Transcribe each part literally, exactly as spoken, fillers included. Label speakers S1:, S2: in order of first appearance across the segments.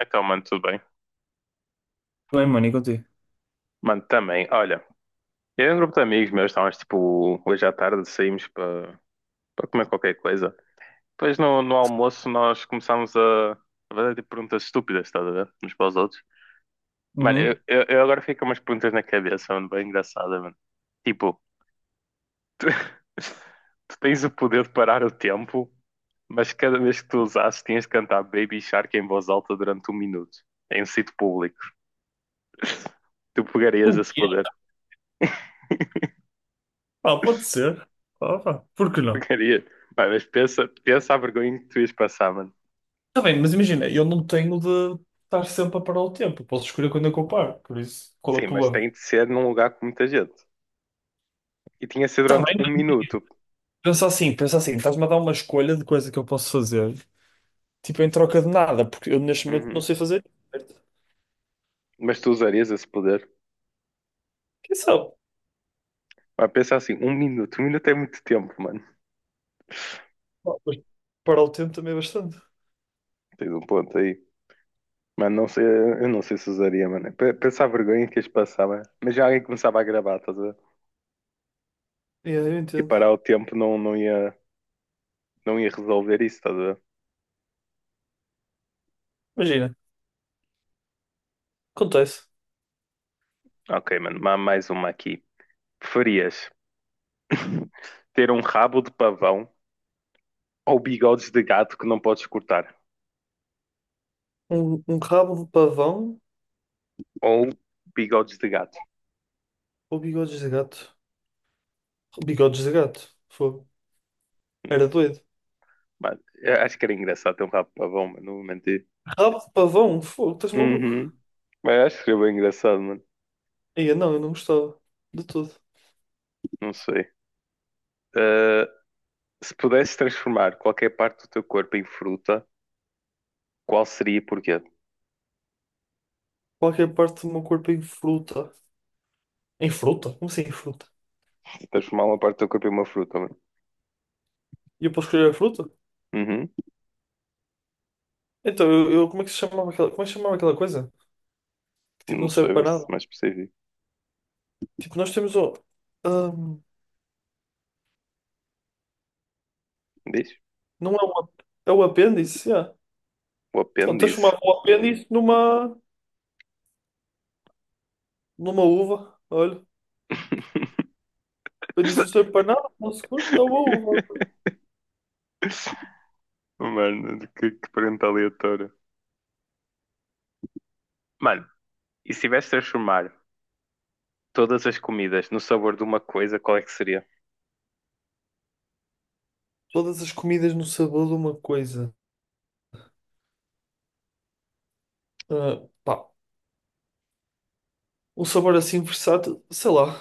S1: Então, mano, tudo bem.
S2: Tudo bem, mano, e contigo?
S1: Mano, também, olha, eu e um grupo de amigos meus, estávamos tipo, hoje à tarde saímos para para comer qualquer coisa. Depois no, no almoço nós começámos a a fazer tipo, perguntas estúpidas, estás a ver? Uns para os outros. Mano, eu,
S2: Uhum.
S1: eu, eu agora fico com umas perguntas na cabeça, mano, bem engraçada, mano. Tipo, tu tens o poder de parar o tempo, mas cada vez que tu usasses tinhas de cantar Baby Shark em voz alta durante um minuto, em um sítio público. Tu pegarias
S2: O
S1: esse
S2: quê?
S1: poder?
S2: Pá, pode ser. Pá, pá, por que não?
S1: Porcaria. Pá, mas pensa, pensa a vergonha que tu ias passar, mano.
S2: Está bem, mas imagina, eu não tenho de estar sempre a parar o tempo. Eu posso escolher quando é que eu paro, por isso, qual é
S1: Sim,
S2: o
S1: mas
S2: problema?
S1: tem de ser num lugar com muita gente. E tinha de ser
S2: Está
S1: durante
S2: bem,
S1: um
S2: mas
S1: minuto.
S2: pensa assim, pensa assim, estás-me a dar uma escolha de coisa que eu posso fazer, tipo em troca de nada, porque eu neste momento não
S1: Uhum.
S2: sei fazer. Certo?
S1: Mas tu usarias esse poder.
S2: Quem sabe?
S1: Pá, pensa assim, um minuto. Um minuto é muito tempo, mano.
S2: Pá, mas parar o tempo também é bastante.
S1: Tens um ponto aí. Mano, não sei, eu não sei se usaria, mano. P- Pensa a vergonha que ias passar, mano. Mas já alguém começava a gravar, estás a ver?
S2: É, eu
S1: E
S2: entendo.
S1: parar o tempo não, não ia, não ia resolver isso, estás a ver?
S2: Imagina, acontece.
S1: Ok, mano, ma- mais uma aqui. Preferias ter um rabo de pavão ou bigodes de gato que não podes cortar?
S2: Um, um rabo de pavão
S1: Ou bigodes de gato.
S2: ou bigodes de gato? Bigodes de gato, fogo. Era doido.
S1: Mano, eu acho que era engraçado ter um rabo de pavão, mano. Não vou mentir.
S2: Rabo de pavão? Fogo, estás maluco?
S1: Uhum. Mas acho que seria bem engraçado, mano.
S2: Ia, não, eu não gostava. De tudo.
S1: Não sei. Uh, Se pudesses transformar qualquer parte do teu corpo em fruta, qual seria e porquê?
S2: Qualquer parte do meu corpo em fruta. Em fruta? Como assim em fruta?
S1: Transformar uma parte do teu corpo em uma fruta, mano.
S2: E eu posso escolher a fruta?
S1: Uhum.
S2: Então, eu, eu- como é que se chamava aquela, como é que se chamava aquela coisa? Que tipo,
S1: Não
S2: não
S1: sei,
S2: serve
S1: vê
S2: para
S1: se
S2: nada.
S1: é mais específico.
S2: Tipo, nós temos o ahm,
S1: Diz?
S2: não é um. É o apêndice, yeah.
S1: O
S2: Então,
S1: apêndice.
S2: transformava o
S1: Uhum.
S2: apêndice numa. numa uva. Olha, o apêndice não serve para nada, não se curte, está uma uva.
S1: Mano, que, que pergunta aleatória. Mano, e se tivesse de transformar todas as comidas no sabor de uma coisa, qual é que seria?
S2: Todas as comidas no sabor de uma coisa. Ah, pá, um sabor assim versátil, sei lá.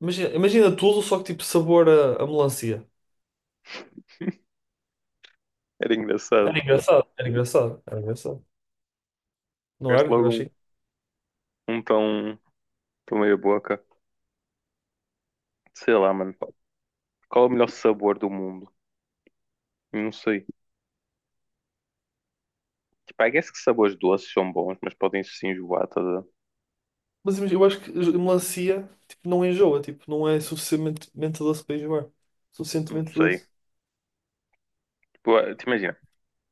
S2: Imagina, imagina tudo, só que tipo sabor a, a melancia.
S1: Era engraçado.
S2: Era engraçado, era engraçado, era engraçado. Não
S1: Gaste
S2: era? Eu
S1: logo um,
S2: achei.
S1: um tão, tão meia boca. Sei lá, mano. Qual é o melhor sabor do mundo? Não sei. Tipo, I guess que sabores doces são bons, mas podem se enjoar, estás a ver?
S2: Mas imagi- eu acho que a melancia tipo, não enjoa, tipo, não é suficientemente doce para enjoar.
S1: Não
S2: Suficientemente
S1: sei.
S2: doce.
S1: Tipo, ah, te imagina,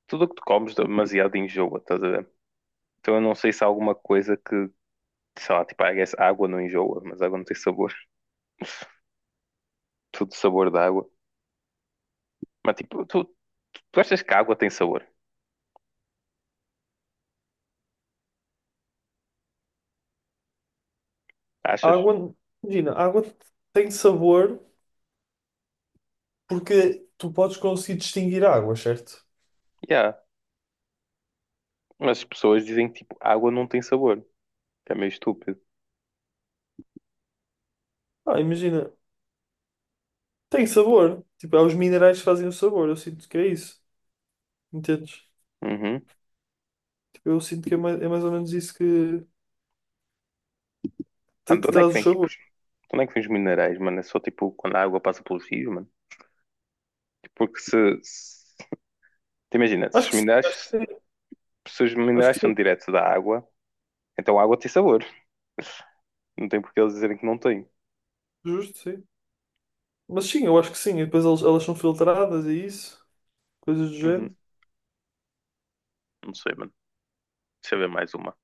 S1: tudo o que tu comes demasiado enjoa, estás a ver? Então eu não sei se há alguma coisa que, sei lá, tipo, I guess água não enjoa, mas água não tem sabor. Tudo sabor da água. Mas tipo, tu, tu achas que a água tem sabor?
S2: A
S1: Achas?
S2: água, imagina, a água tem sabor porque tu podes conseguir distinguir a água, certo?
S1: Yeah. Mas as pessoas dizem que tipo, água não tem sabor. Que é meio estúpido.
S2: Ah, imagina, tem sabor. Tipo, é os minerais que fazem o sabor. Eu sinto que é isso. Entendes?
S1: Uhum.
S2: Tipo, eu sinto que é mais, é mais ou menos isso que,
S1: Mano, de
S2: que
S1: onde é que
S2: traz o
S1: vem tipo
S2: sabor.
S1: onde é que vêm os minerais, mano? É só tipo quando a água passa pelos rios, mano. Porque se. Se... te imagina, se
S2: Acho
S1: os
S2: que sim, acho que
S1: minerais.
S2: sim.
S1: Se os
S2: Acho
S1: minerais
S2: que sim.
S1: são diretos da água, então a água tem sabor. Não tem porque eles dizerem que não tem.
S2: Justo, sim. Mas sim, eu acho que sim. E depois eles- elas são filtradas e isso, coisas do
S1: Uhum.
S2: género.
S1: Não sei, mano. Deixa eu ver mais uma.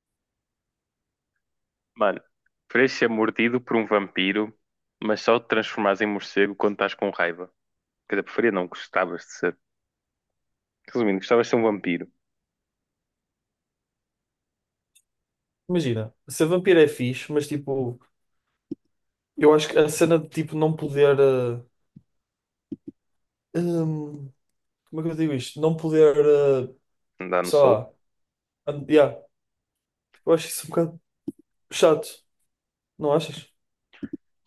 S1: Mano, preferias ser mordido por um vampiro, mas só te transformares em morcego quando estás com raiva. Quer dizer, preferia não, gostavas de ser. Resumindo, gostavas de ser um vampiro.
S2: Imagina, ser vampiro é fixe, mas tipo, eu acho que a cena de tipo não poder. eh, hum, como é que eu digo isto? Não poder. eh,
S1: Andar no
S2: sei
S1: sol.
S2: lá. an- yeah, eu acho isso um bocado chato, não achas?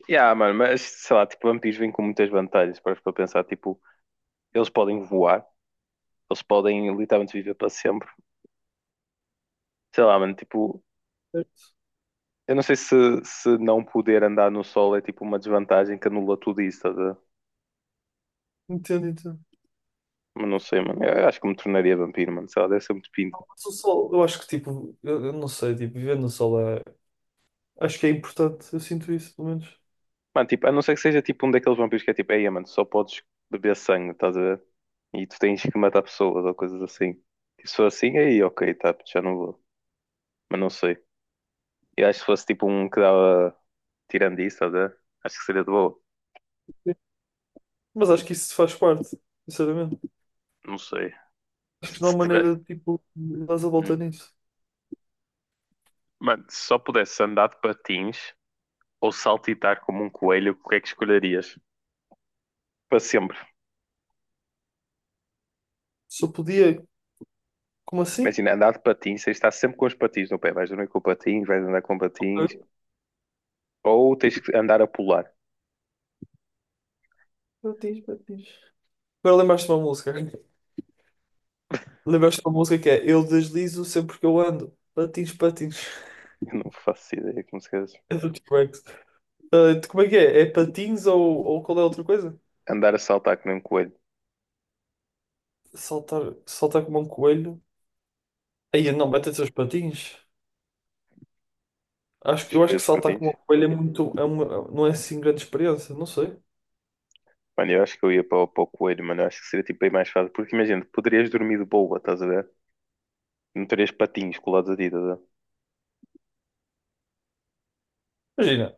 S1: Yeah, mano, mas sei lá, tipo, vampiros vêm com muitas vantagens. Para para pensar, tipo, eles podem voar. Eles podem literalmente viver para sempre. Sei lá, mano, tipo, eu não sei se, se não poder andar no sol é tipo uma desvantagem que anula tudo isso, estás a ver?
S2: Entendo, entendo.
S1: Mas não sei, mano. Eu acho que me tornaria vampiro, mano. Sei lá, deve ser muito pinta.
S2: Mas o sol, eu acho que tipo, eu, eu não sei, tipo, viver no sol é. Acho que é importante, eu sinto isso, pelo menos.
S1: Mano, tipo, a não ser que seja tipo um daqueles vampiros que é tipo, ei, mano, só podes beber sangue, estás a ver? E tu tens que matar pessoas ou coisas assim. Tipo, se for assim, aí ok, tá, já não vou. Mas não sei. Eu acho que se fosse tipo um que dava tirando isso, estás a ver? Acho que seria de boa.
S2: Sim. Mas acho que isso faz parte, sinceramente.
S1: Não sei.
S2: Acho
S1: Se,
S2: que não há
S1: se tiver.
S2: maneira de tipo, dar a
S1: Hum.
S2: volta nisso.
S1: Mano, se só pudesse andar de patins, ou saltitar como um coelho, o que é que escolherias? Para sempre.
S2: Só podia. Como assim?
S1: Imagina, andar de patins, tens de estar sempre com os patins no pé. Vais dormir com patins, vais andar com patins. Ou tens que andar a pular.
S2: Batiz, batiz. Agora lembraste de uma música. Lembraste de uma música que é "Eu deslizo sempre que eu ando. Patins, patins."
S1: Eu não faço ideia como se queres.
S2: É do T-Rex. Ah, como é que é? É patins ou, ou qual é a outra coisa?
S1: Andar a saltar como um coelho.
S2: Saltar, saltar como um coelho. Aí não, mete seus patins. Acho, que- eu acho
S1: Escolher
S2: que
S1: os
S2: saltar
S1: patins.
S2: como um coelho é muito. É uma, não é assim grande experiência, não sei.
S1: Mano, eu acho que eu ia para, o- para o coelho, mano. Eu acho que seria tipo aí mais fácil. Porque imagina, poderias dormir de boa, estás a ver? Não terias patins colados a ti, estás a ver?
S2: Imagina.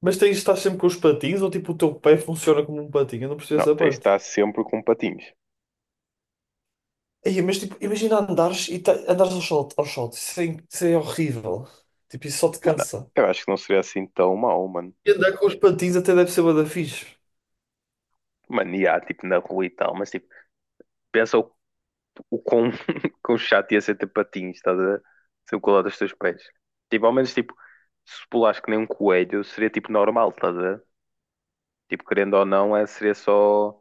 S2: Mas tens, estás sempre com os patins ou tipo o teu pé funciona como um patinho? Eu não percebo
S1: Não,
S2: essa
S1: tens de
S2: parte.
S1: estar sempre com patins.
S2: Ei, mas tipo, imagina andares e ta- andares ao sol, ao sol. Isso é, in- isso é horrível. Tipo, isso só te
S1: Mano,
S2: cansa.
S1: eu acho que não seria assim tão mau, mano.
S2: E andar com os patins até deve ser bué da fixe.
S1: Mano, e há, tipo, na rua e tal, mas tipo, pensa o o quão, quão chato ia ser ter patins, estás a ver? Ser o colar dos teus pés. Tipo, ao menos, tipo, se pulares que nem um coelho, seria tipo normal, estás a ver? Tipo, querendo ou não, é, seria só.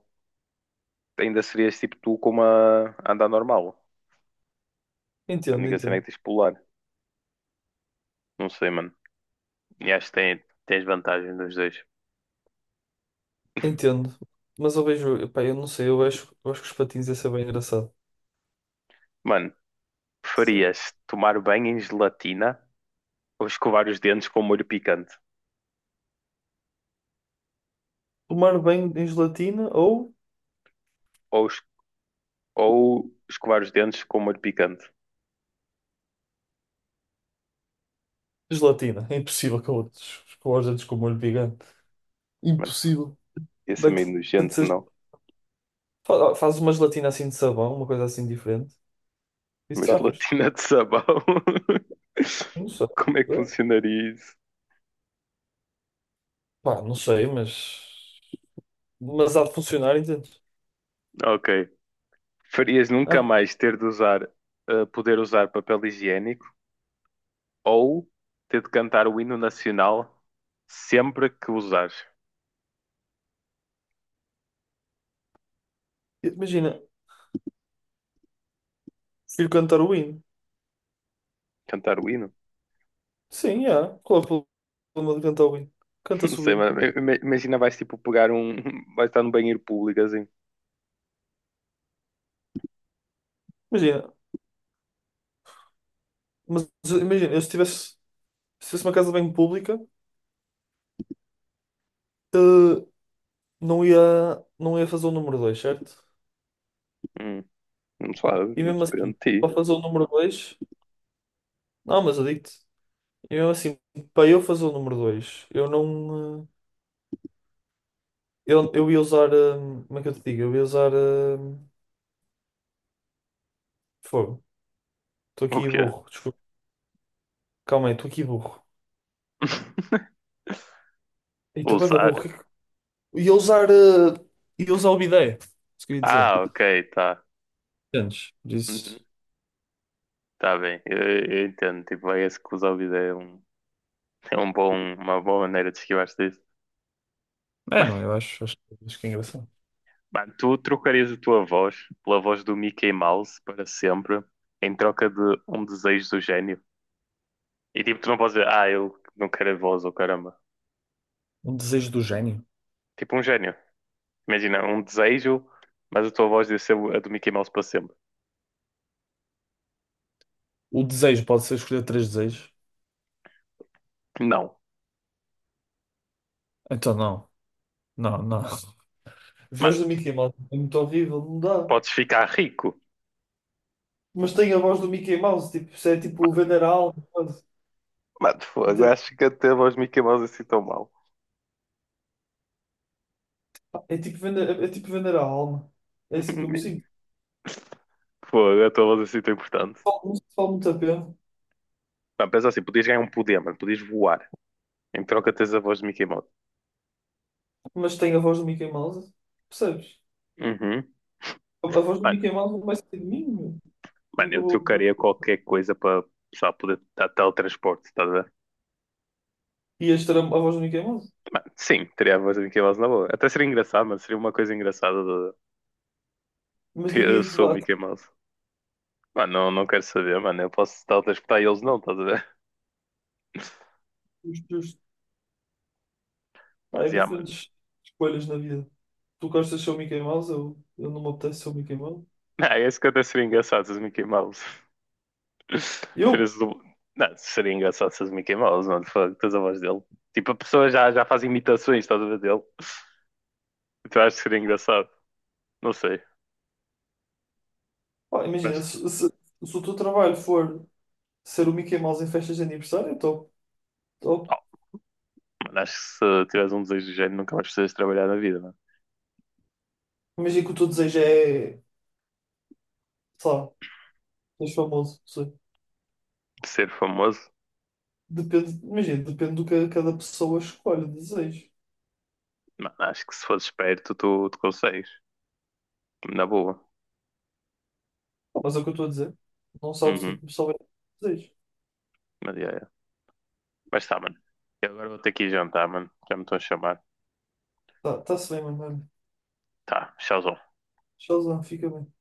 S1: Ainda serias tipo tu com uma a andar normal. A
S2: Entendo,
S1: única cena é
S2: entendo.
S1: que tens de pular. Não sei, mano. E acho que tem, tens vantagem dos dois.
S2: Entendo. Mas eu vejo, pá, eu não sei, eu acho, eu acho que os patins ia ser bem engraçado.
S1: Mano,
S2: Sim.
S1: preferias tomar banho em gelatina ou escovar os dentes com molho picante?
S2: Tomar banho em gelatina ou
S1: Ou, es- ou escovar os dentes com molho picante?
S2: gelatina. É impossível com outros, com os dedos com o molho gigante.
S1: Mano,
S2: Impossível.
S1: ia ser
S2: Vai ter
S1: meio
S2: de
S1: nojento,
S2: ser-
S1: não?
S2: fa- Fazes uma gelatina assim de sabão, uma coisa assim diferente. E
S1: Uma
S2: safas.
S1: gelatina de sabão.
S2: Não sei.
S1: Como é que
S2: Não sei,
S1: funcionaria isso?
S2: pá, não sei, mas. Mas há de funcionar, entende?
S1: Ok. Farias nunca
S2: Ah,
S1: mais ter de usar, eh, poder usar papel higiênico ou ter de cantar o hino nacional sempre que usares.
S2: imagina, prefiro cantar o hino.
S1: Cantar o hino?
S2: Sim, há. Qual é o problema de cantar o hino?
S1: Não
S2: Canta-se o
S1: sei,
S2: hino.
S1: mas ima- imagina vais tipo pegar um. Vais estar num banheiro público assim.
S2: Imagina, mas imagina, eu se tivesse, se tivesse uma casa bem pública, eh, não ia, não ia fazer o número dois, certo?
S1: Hum, não sabe,
S2: E
S1: não
S2: mesmo
S1: depende de
S2: assim, para
S1: ti.
S2: fazer o número dois, não, mas eu digo-te, e mesmo assim, para eu fazer o número dois, eu não. eh, Eu, eu ia usar. eh, Como é que eu te digo? Eu ia usar. eh, Fogo. Estou
S1: O
S2: aqui
S1: quê?
S2: burro, desculpa. Calma aí, estou aqui burro. E estou bem da burro.
S1: Usar?
S2: Ia usar, eh, ia usar o bidé, isso queria dizer.
S1: Ah, ok, tá.
S2: Entendes? Por
S1: Uhum,
S2: isso.
S1: tá bem, eu, eu entendo. Tipo, é esse que usa o vídeo é um. É um bom, uma boa maneira de esquivar-se disso.
S2: É,
S1: Mas,
S2: não, eu acho, acho, acho que é engraçado.
S1: mano, tu trocarias a tua voz pela voz do Mickey Mouse para sempre em troca de um desejo do gênio? E tipo, tu não podes dizer, ah, eu não quero a voz, ou caramba.
S2: Um desejo do gênio.
S1: Tipo um gênio. Imagina, um desejo, mas a tua voz ia ser a do Mickey Mouse para sempre.
S2: O desejo pode ser escolher três desejos.
S1: Não.
S2: Então não, não, não. A voz
S1: Mano,
S2: do Mickey Mouse é muito horrível, não dá.
S1: podes ficar rico.
S2: Mas tem a voz do Mickey Mouse, tipo, isso é tipo vender a alma, quase.
S1: Mano, fogo,
S2: Ente-
S1: acho que até a voz do Mickey Mouse é assim tão mal.
S2: É tipo vender, é tipo vender a alma. É assim como sinto.
S1: Fogo, a tua voz é assim tão importante.
S2: Falo- Não se fala muito a pena,
S1: Mano, pensa assim, podias ganhar um poder, mano, podias voar. Em troca tens a voz do Mickey Mouse.
S2: mas tem a voz do Mickey Mouse, percebes?
S1: Uhum.
S2: A, a voz do
S1: Mano,
S2: Mickey Mouse não vai ser de mim, meu. Como é
S1: Mano,
S2: que eu
S1: eu
S2: vou.
S1: trocaria qualquer coisa para só poder dar teletransporte, estás a ver?
S2: Ias ter a, a voz do Mickey Mouse.
S1: Mano, sim, teria a voz do Mickey Mouse na boa. Até seria engraçado, mano, seria uma coisa engraçada. De...
S2: Mas ninguém
S1: Eu
S2: ia te
S1: sou o
S2: levar
S1: Mickey Mouse. Mano, não, não quero saber, mano, eu posso teletransportar e eles não, estás a ver?
S2: os teus. Pá,
S1: Mas,
S2: é
S1: já, mano.
S2: diferentes escolhas na vida. Tu gostas de ser o Mickey Mouse, eu, eu não me apetece ser o Mickey Mouse.
S1: Ah, esse que até seria engraçado, se és o Mickey Mouse.
S2: Eu,
S1: Serias do... Não, seria engraçado se és o Mickey Mouse, mano, fuck, tens a voz dele. Tipo, a pessoa já, já faz imitações, estás a ver, dele. Então acho que seria engraçado. Não sei,
S2: pá, imagina,
S1: mas
S2: se, se, se o teu trabalho for ser o Mickey Mouse em festas de aniversário, então estou.
S1: mano, acho que se tiveres um desejo do género, nunca mais precisas trabalhar na vida, mano.
S2: Imagina que o teu desejo é, sei lá, ser famoso, não sei.
S1: Ser famoso,
S2: Depende, imagina, depende do que cada pessoa escolhe, desejo.
S1: mano, acho que se fores esperto, tu, tu consegues. Na boa.
S2: Pá, mas é o que eu estou a dizer. Não sabes o que é
S1: Uhum.
S2: que o pessoal vai desejo.
S1: Mas, yeah, yeah. Mas tá, mano. Eu agora vou ter que ir jantar, mano. Já me estão a chamar.
S2: Tá, tá-se bem, mano. Olha,
S1: Tá, tchauzão.
S2: tchauzão, fica bem.